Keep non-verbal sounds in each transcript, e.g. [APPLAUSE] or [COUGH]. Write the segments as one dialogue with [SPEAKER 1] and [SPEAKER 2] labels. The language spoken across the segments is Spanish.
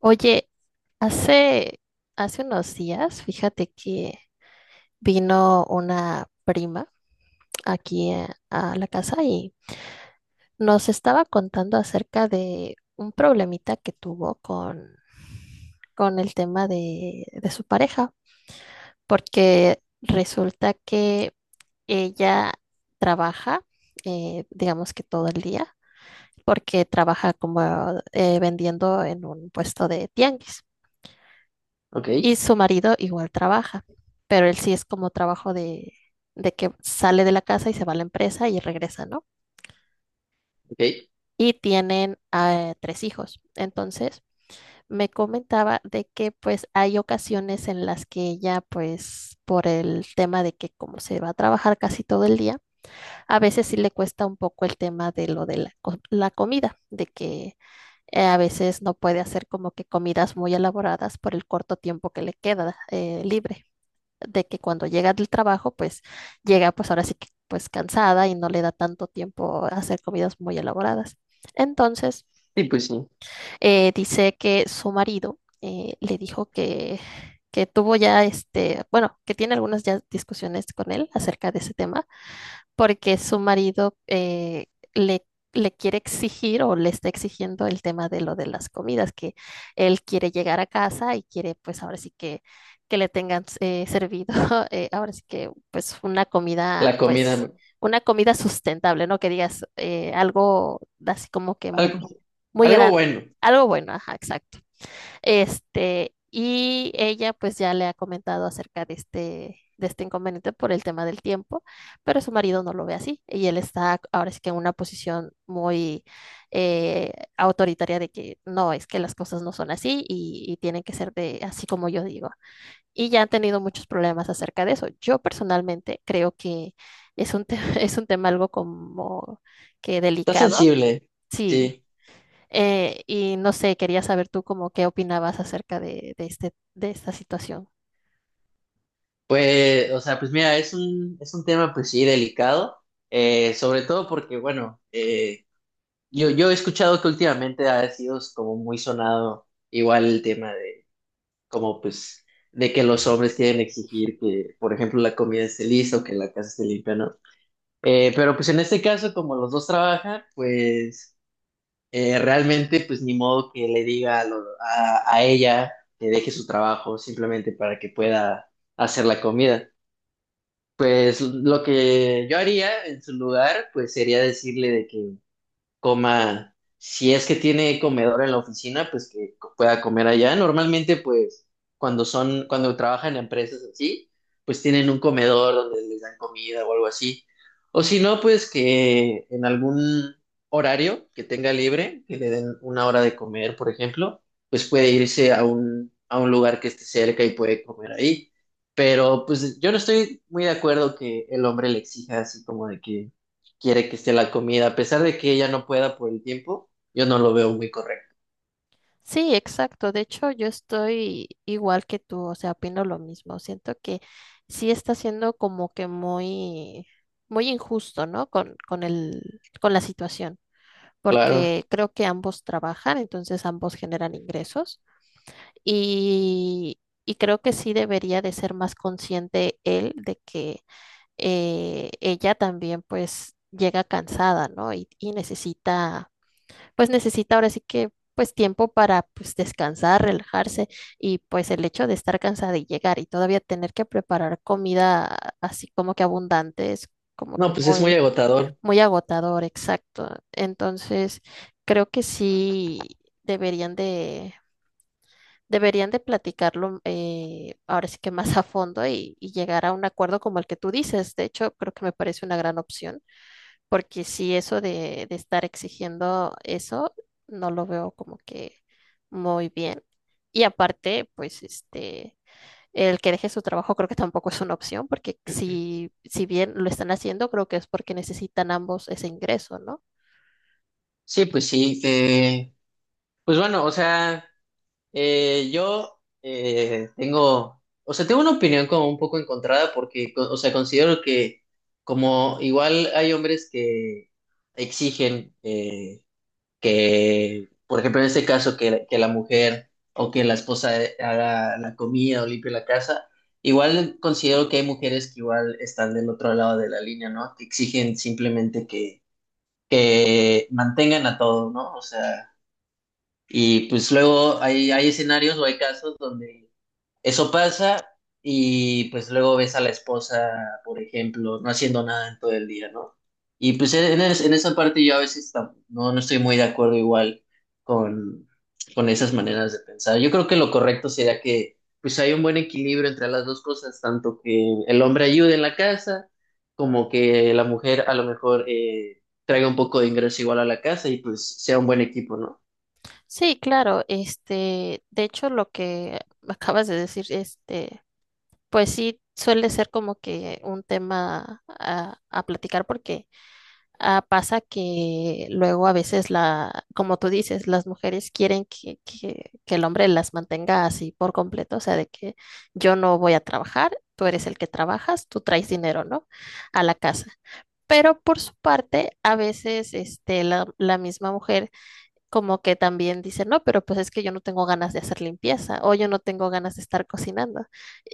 [SPEAKER 1] Oye, hace, hace unos días, fíjate que vino una prima aquí a la casa y nos estaba contando acerca de un problemita que tuvo con el tema de su pareja, porque resulta que ella trabaja, digamos que todo el día, porque trabaja como vendiendo en un puesto de tianguis.
[SPEAKER 2] Ok,
[SPEAKER 1] Y su marido igual trabaja, pero él sí es como trabajo de que sale de la casa y se va a la empresa y regresa, ¿no?
[SPEAKER 2] ok.
[SPEAKER 1] Y tienen tres hijos. Entonces, me comentaba de que pues hay ocasiones en las que ella pues por el tema de que como se va a trabajar casi todo el día, a veces sí le cuesta un poco el tema de lo de la comida, de que a veces no puede hacer como que comidas muy elaboradas por el corto tiempo que le queda libre. De que cuando llega del trabajo, pues llega pues ahora sí que pues cansada y no le da tanto tiempo a hacer comidas muy elaboradas. Entonces,
[SPEAKER 2] Sí, pues sí.
[SPEAKER 1] dice que su marido le dijo que tuvo ya bueno, que tiene algunas ya discusiones con él acerca de ese tema porque su marido le, le quiere exigir o le está exigiendo el tema de lo de las comidas, que él quiere llegar a casa y quiere pues ahora sí que le tengan servido, [LAUGHS] ahora sí que
[SPEAKER 2] La comida,
[SPEAKER 1] pues
[SPEAKER 2] ¿no?
[SPEAKER 1] una comida sustentable, ¿no? Que digas algo así como que
[SPEAKER 2] Algo,
[SPEAKER 1] muy
[SPEAKER 2] algo
[SPEAKER 1] gran,
[SPEAKER 2] bueno.
[SPEAKER 1] algo bueno, ajá, exacto. Y ella pues ya le ha comentado acerca de de este inconveniente por el tema del tiempo, pero su marido no lo ve así y él está ahora sí que en una posición muy eh, autoritaria de que no, es que las cosas no son así y tienen que ser de así como yo digo. Y ya han tenido muchos problemas acerca de eso. Yo personalmente creo que es un, te- [LAUGHS] es un tema algo como que
[SPEAKER 2] Está
[SPEAKER 1] delicado,
[SPEAKER 2] sensible,
[SPEAKER 1] sí.
[SPEAKER 2] sí.
[SPEAKER 1] Y no sé, quería saber tú como qué opinabas acerca de de esta situación.
[SPEAKER 2] Pues, o sea, pues mira, es un tema, pues sí, delicado. Sobre todo porque, bueno, yo he escuchado que últimamente ha sido como muy sonado igual el tema de como, pues, de que los hombres quieren exigir que, por ejemplo, la comida esté lista o que la casa esté limpia, ¿no? Pero pues en este caso, como los dos trabajan, pues realmente, pues ni modo que le diga a ella que deje su trabajo simplemente para que pueda hacer la comida. Pues lo que yo haría en su lugar, pues sería decirle de que coma, si es que tiene comedor en la oficina, pues que pueda comer allá. Normalmente, pues, cuando trabajan en empresas así, pues tienen un comedor donde les dan comida o algo así. O si no, pues que en algún horario que tenga libre, que le den una hora de comer, por ejemplo, pues puede irse a a un lugar que esté cerca y puede comer ahí. Pero pues yo no estoy muy de acuerdo que el hombre le exija así como de que quiere que esté la comida, a pesar de que ella no pueda por el tiempo, yo no lo veo muy correcto.
[SPEAKER 1] Sí, exacto. De hecho, yo estoy igual que tú, o sea, opino lo mismo. Siento que sí está siendo como que muy injusto, ¿no? Con la situación,
[SPEAKER 2] Claro.
[SPEAKER 1] porque creo que ambos trabajan, entonces ambos generan ingresos y, y creo que sí debería de ser más consciente él de que ella también pues llega cansada, ¿no? Y necesita, pues necesita ahora sí que pues tiempo para pues descansar, relajarse y pues el hecho de estar cansada y llegar y todavía tener que preparar comida así como que abundante es como
[SPEAKER 2] No,
[SPEAKER 1] que
[SPEAKER 2] pues es muy agotador.
[SPEAKER 1] muy agotador, exacto. Entonces, creo que sí deberían de deberían de platicarlo ahora sí que más a fondo y llegar a un acuerdo como el que tú dices. De hecho, creo que me parece una gran opción, porque si eso de estar exigiendo eso, no lo veo como que muy bien. Y aparte, pues el que deje su trabajo creo que tampoco es una opción, porque si bien lo están haciendo, creo que es porque necesitan ambos ese ingreso, ¿no?
[SPEAKER 2] Sí, pues sí. Pues bueno, o sea, yo tengo, o sea, tengo una opinión como un poco encontrada porque, o sea, considero que como igual hay hombres que exigen que, por ejemplo, en este caso, que, que la mujer o que la esposa haga la comida o limpie la casa, igual considero que hay mujeres que igual están del otro lado de la línea, ¿no? Que exigen simplemente que mantengan a todo, ¿no? O sea, y pues luego hay, hay escenarios o hay casos donde eso pasa y pues luego ves a la esposa, por ejemplo, no haciendo nada en todo el día, ¿no? Y pues en esa parte yo a veces no, no estoy muy de acuerdo igual con, con esas maneras de pensar. Yo creo que lo correcto sería que pues hay un buen equilibrio entre las dos cosas, tanto que el hombre ayude en la casa como que la mujer a lo mejor traiga un poco de ingreso igual a la casa y pues sea un buen equipo, ¿no?
[SPEAKER 1] Sí, claro, de hecho, lo que acabas de decir, este. Pues sí, suele ser como que un tema a platicar porque ah, pasa que luego a veces como tú dices, las mujeres quieren que el hombre las mantenga así por completo, o sea, de que yo no voy a trabajar, tú eres el que trabajas, tú traes dinero, ¿no? A la casa. Pero por su parte, a veces la misma mujer como que también dicen, no, pero pues es que yo no tengo ganas de hacer limpieza o yo no tengo ganas de estar cocinando.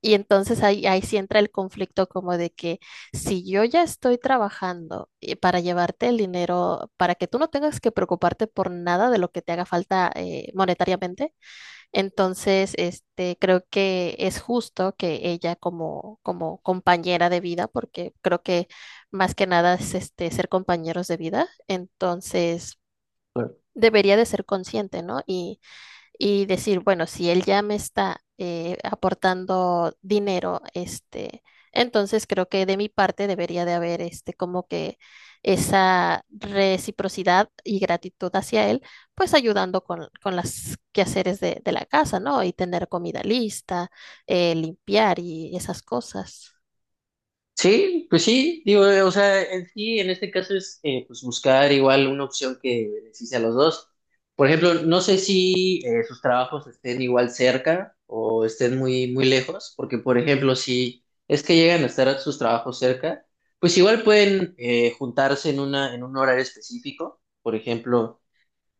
[SPEAKER 1] Y entonces ahí sí entra el conflicto como de que si yo ya estoy trabajando para llevarte el dinero, para que tú no tengas que preocuparte por nada de lo que te haga falta monetariamente, entonces creo que es justo que ella como compañera de vida, porque creo que más que nada es ser compañeros de vida, entonces debería de ser consciente, ¿no? Y decir, bueno, si él ya me está aportando dinero, entonces creo que de mi parte debería de haber como que esa reciprocidad y gratitud hacia él, pues ayudando con las quehaceres de la casa, ¿no? Y tener comida lista, limpiar y esas cosas.
[SPEAKER 2] Sí, pues sí, digo, o sea, en sí, en este caso es pues buscar igual una opción que beneficie a los dos. Por ejemplo, no sé si sus trabajos estén igual cerca o estén muy, muy lejos, porque por ejemplo, si es que llegan a estar sus trabajos cerca, pues igual pueden juntarse en en un horario específico, por ejemplo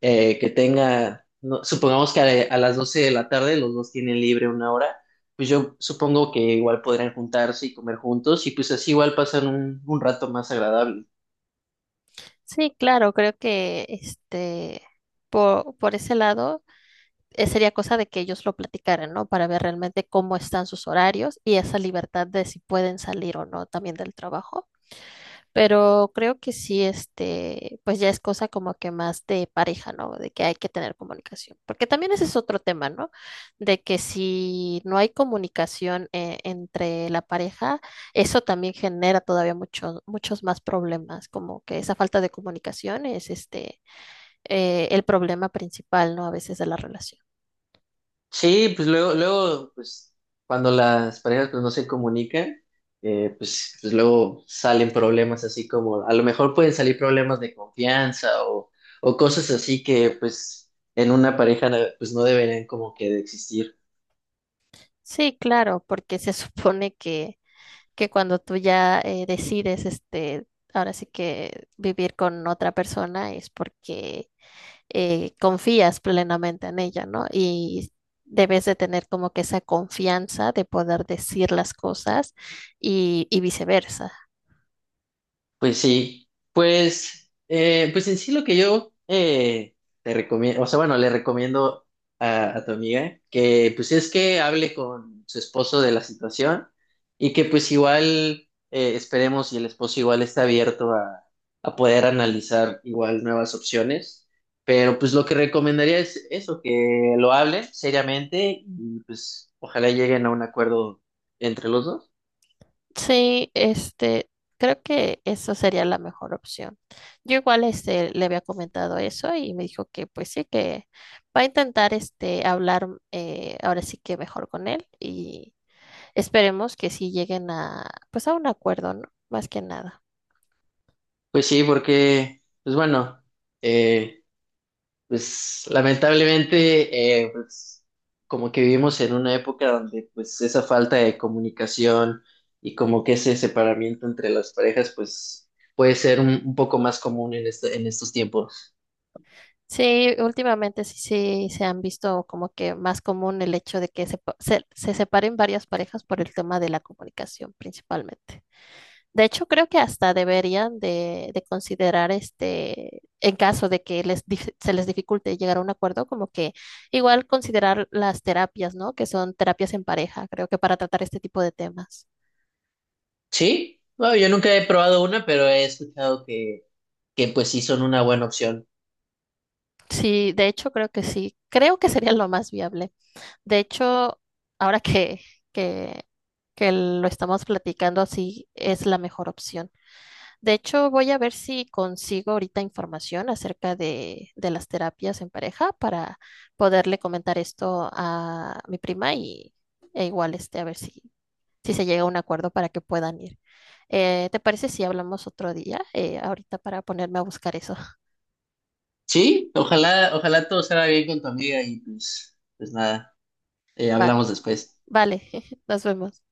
[SPEAKER 2] que tenga, supongamos que a las 12 de la tarde los dos tienen libre una hora, pues yo supongo que igual podrían juntarse y comer juntos y pues así igual pasan un rato más agradable.
[SPEAKER 1] Sí, claro, creo que por ese lado sería cosa de que ellos lo platicaran, ¿no? Para ver realmente cómo están sus horarios y esa libertad de si pueden salir o no también del trabajo. Pero creo que sí, pues ya es cosa como que más de pareja, ¿no? De que hay que tener comunicación. Porque también ese es otro tema, ¿no? De que si no hay comunicación entre la pareja, eso también genera todavía muchos más problemas, como que esa falta de comunicación es el problema principal, ¿no? A veces de la relación.
[SPEAKER 2] Sí, pues luego, luego, pues cuando las parejas pues no se comunican, pues, pues luego salen problemas así como, a lo mejor pueden salir problemas de confianza o cosas así que pues en una pareja pues no deberían como que de existir.
[SPEAKER 1] Sí, claro, porque se [LAUGHS] supone que cuando tú ya decides, ahora sí que vivir con otra persona es porque confías plenamente en ella, ¿no? Y debes de tener como que esa confianza de poder decir las cosas y viceversa.
[SPEAKER 2] Pues sí, pues, pues en sí lo que yo te recomiendo, o sea, bueno, le recomiendo a tu amiga que pues es que hable con su esposo de la situación y que pues igual esperemos y el esposo igual está abierto a poder analizar igual nuevas opciones, pero pues lo que recomendaría es eso, que lo hablen seriamente y pues ojalá lleguen a un acuerdo entre los dos.
[SPEAKER 1] Sí, creo que eso sería la mejor opción. Yo igual este le había comentado eso y me dijo que pues sí, que va a intentar este hablar ahora sí que mejor con él y esperemos que sí lleguen a pues a un acuerdo, ¿no? Más que nada.
[SPEAKER 2] Pues sí, porque, pues bueno. Eh, Pues lamentablemente, pues, como que vivimos en una época donde pues esa falta de comunicación y como que ese separamiento entre las parejas pues puede ser un poco más común en estos tiempos.
[SPEAKER 1] Sí, últimamente sí se han visto como que más común el hecho de que se separen varias parejas por el tema de la comunicación principalmente. De hecho, creo que hasta deberían de considerar en caso de que se les dificulte llegar a un acuerdo, como que igual considerar las terapias, ¿no? Que son terapias en pareja, creo que para tratar este tipo de temas.
[SPEAKER 2] Sí, bueno, yo nunca he probado una, pero he escuchado que pues sí son una buena opción.
[SPEAKER 1] Sí, de hecho, creo que sí. Creo que sería lo más viable. De hecho, ahora que, que lo estamos platicando así, es la mejor opción. De hecho, voy a ver si consigo ahorita información acerca de las terapias en pareja para poderle comentar esto a mi prima y e igual a ver si se llega a un acuerdo para que puedan ir. ¿Te parece si hablamos otro día? Ahorita para ponerme a buscar eso.
[SPEAKER 2] Sí, ojalá, ojalá todo salga bien con tu amiga y pues, pues nada,
[SPEAKER 1] Vale,
[SPEAKER 2] hablamos después.
[SPEAKER 1] vale, [LAUGHS] nos vemos.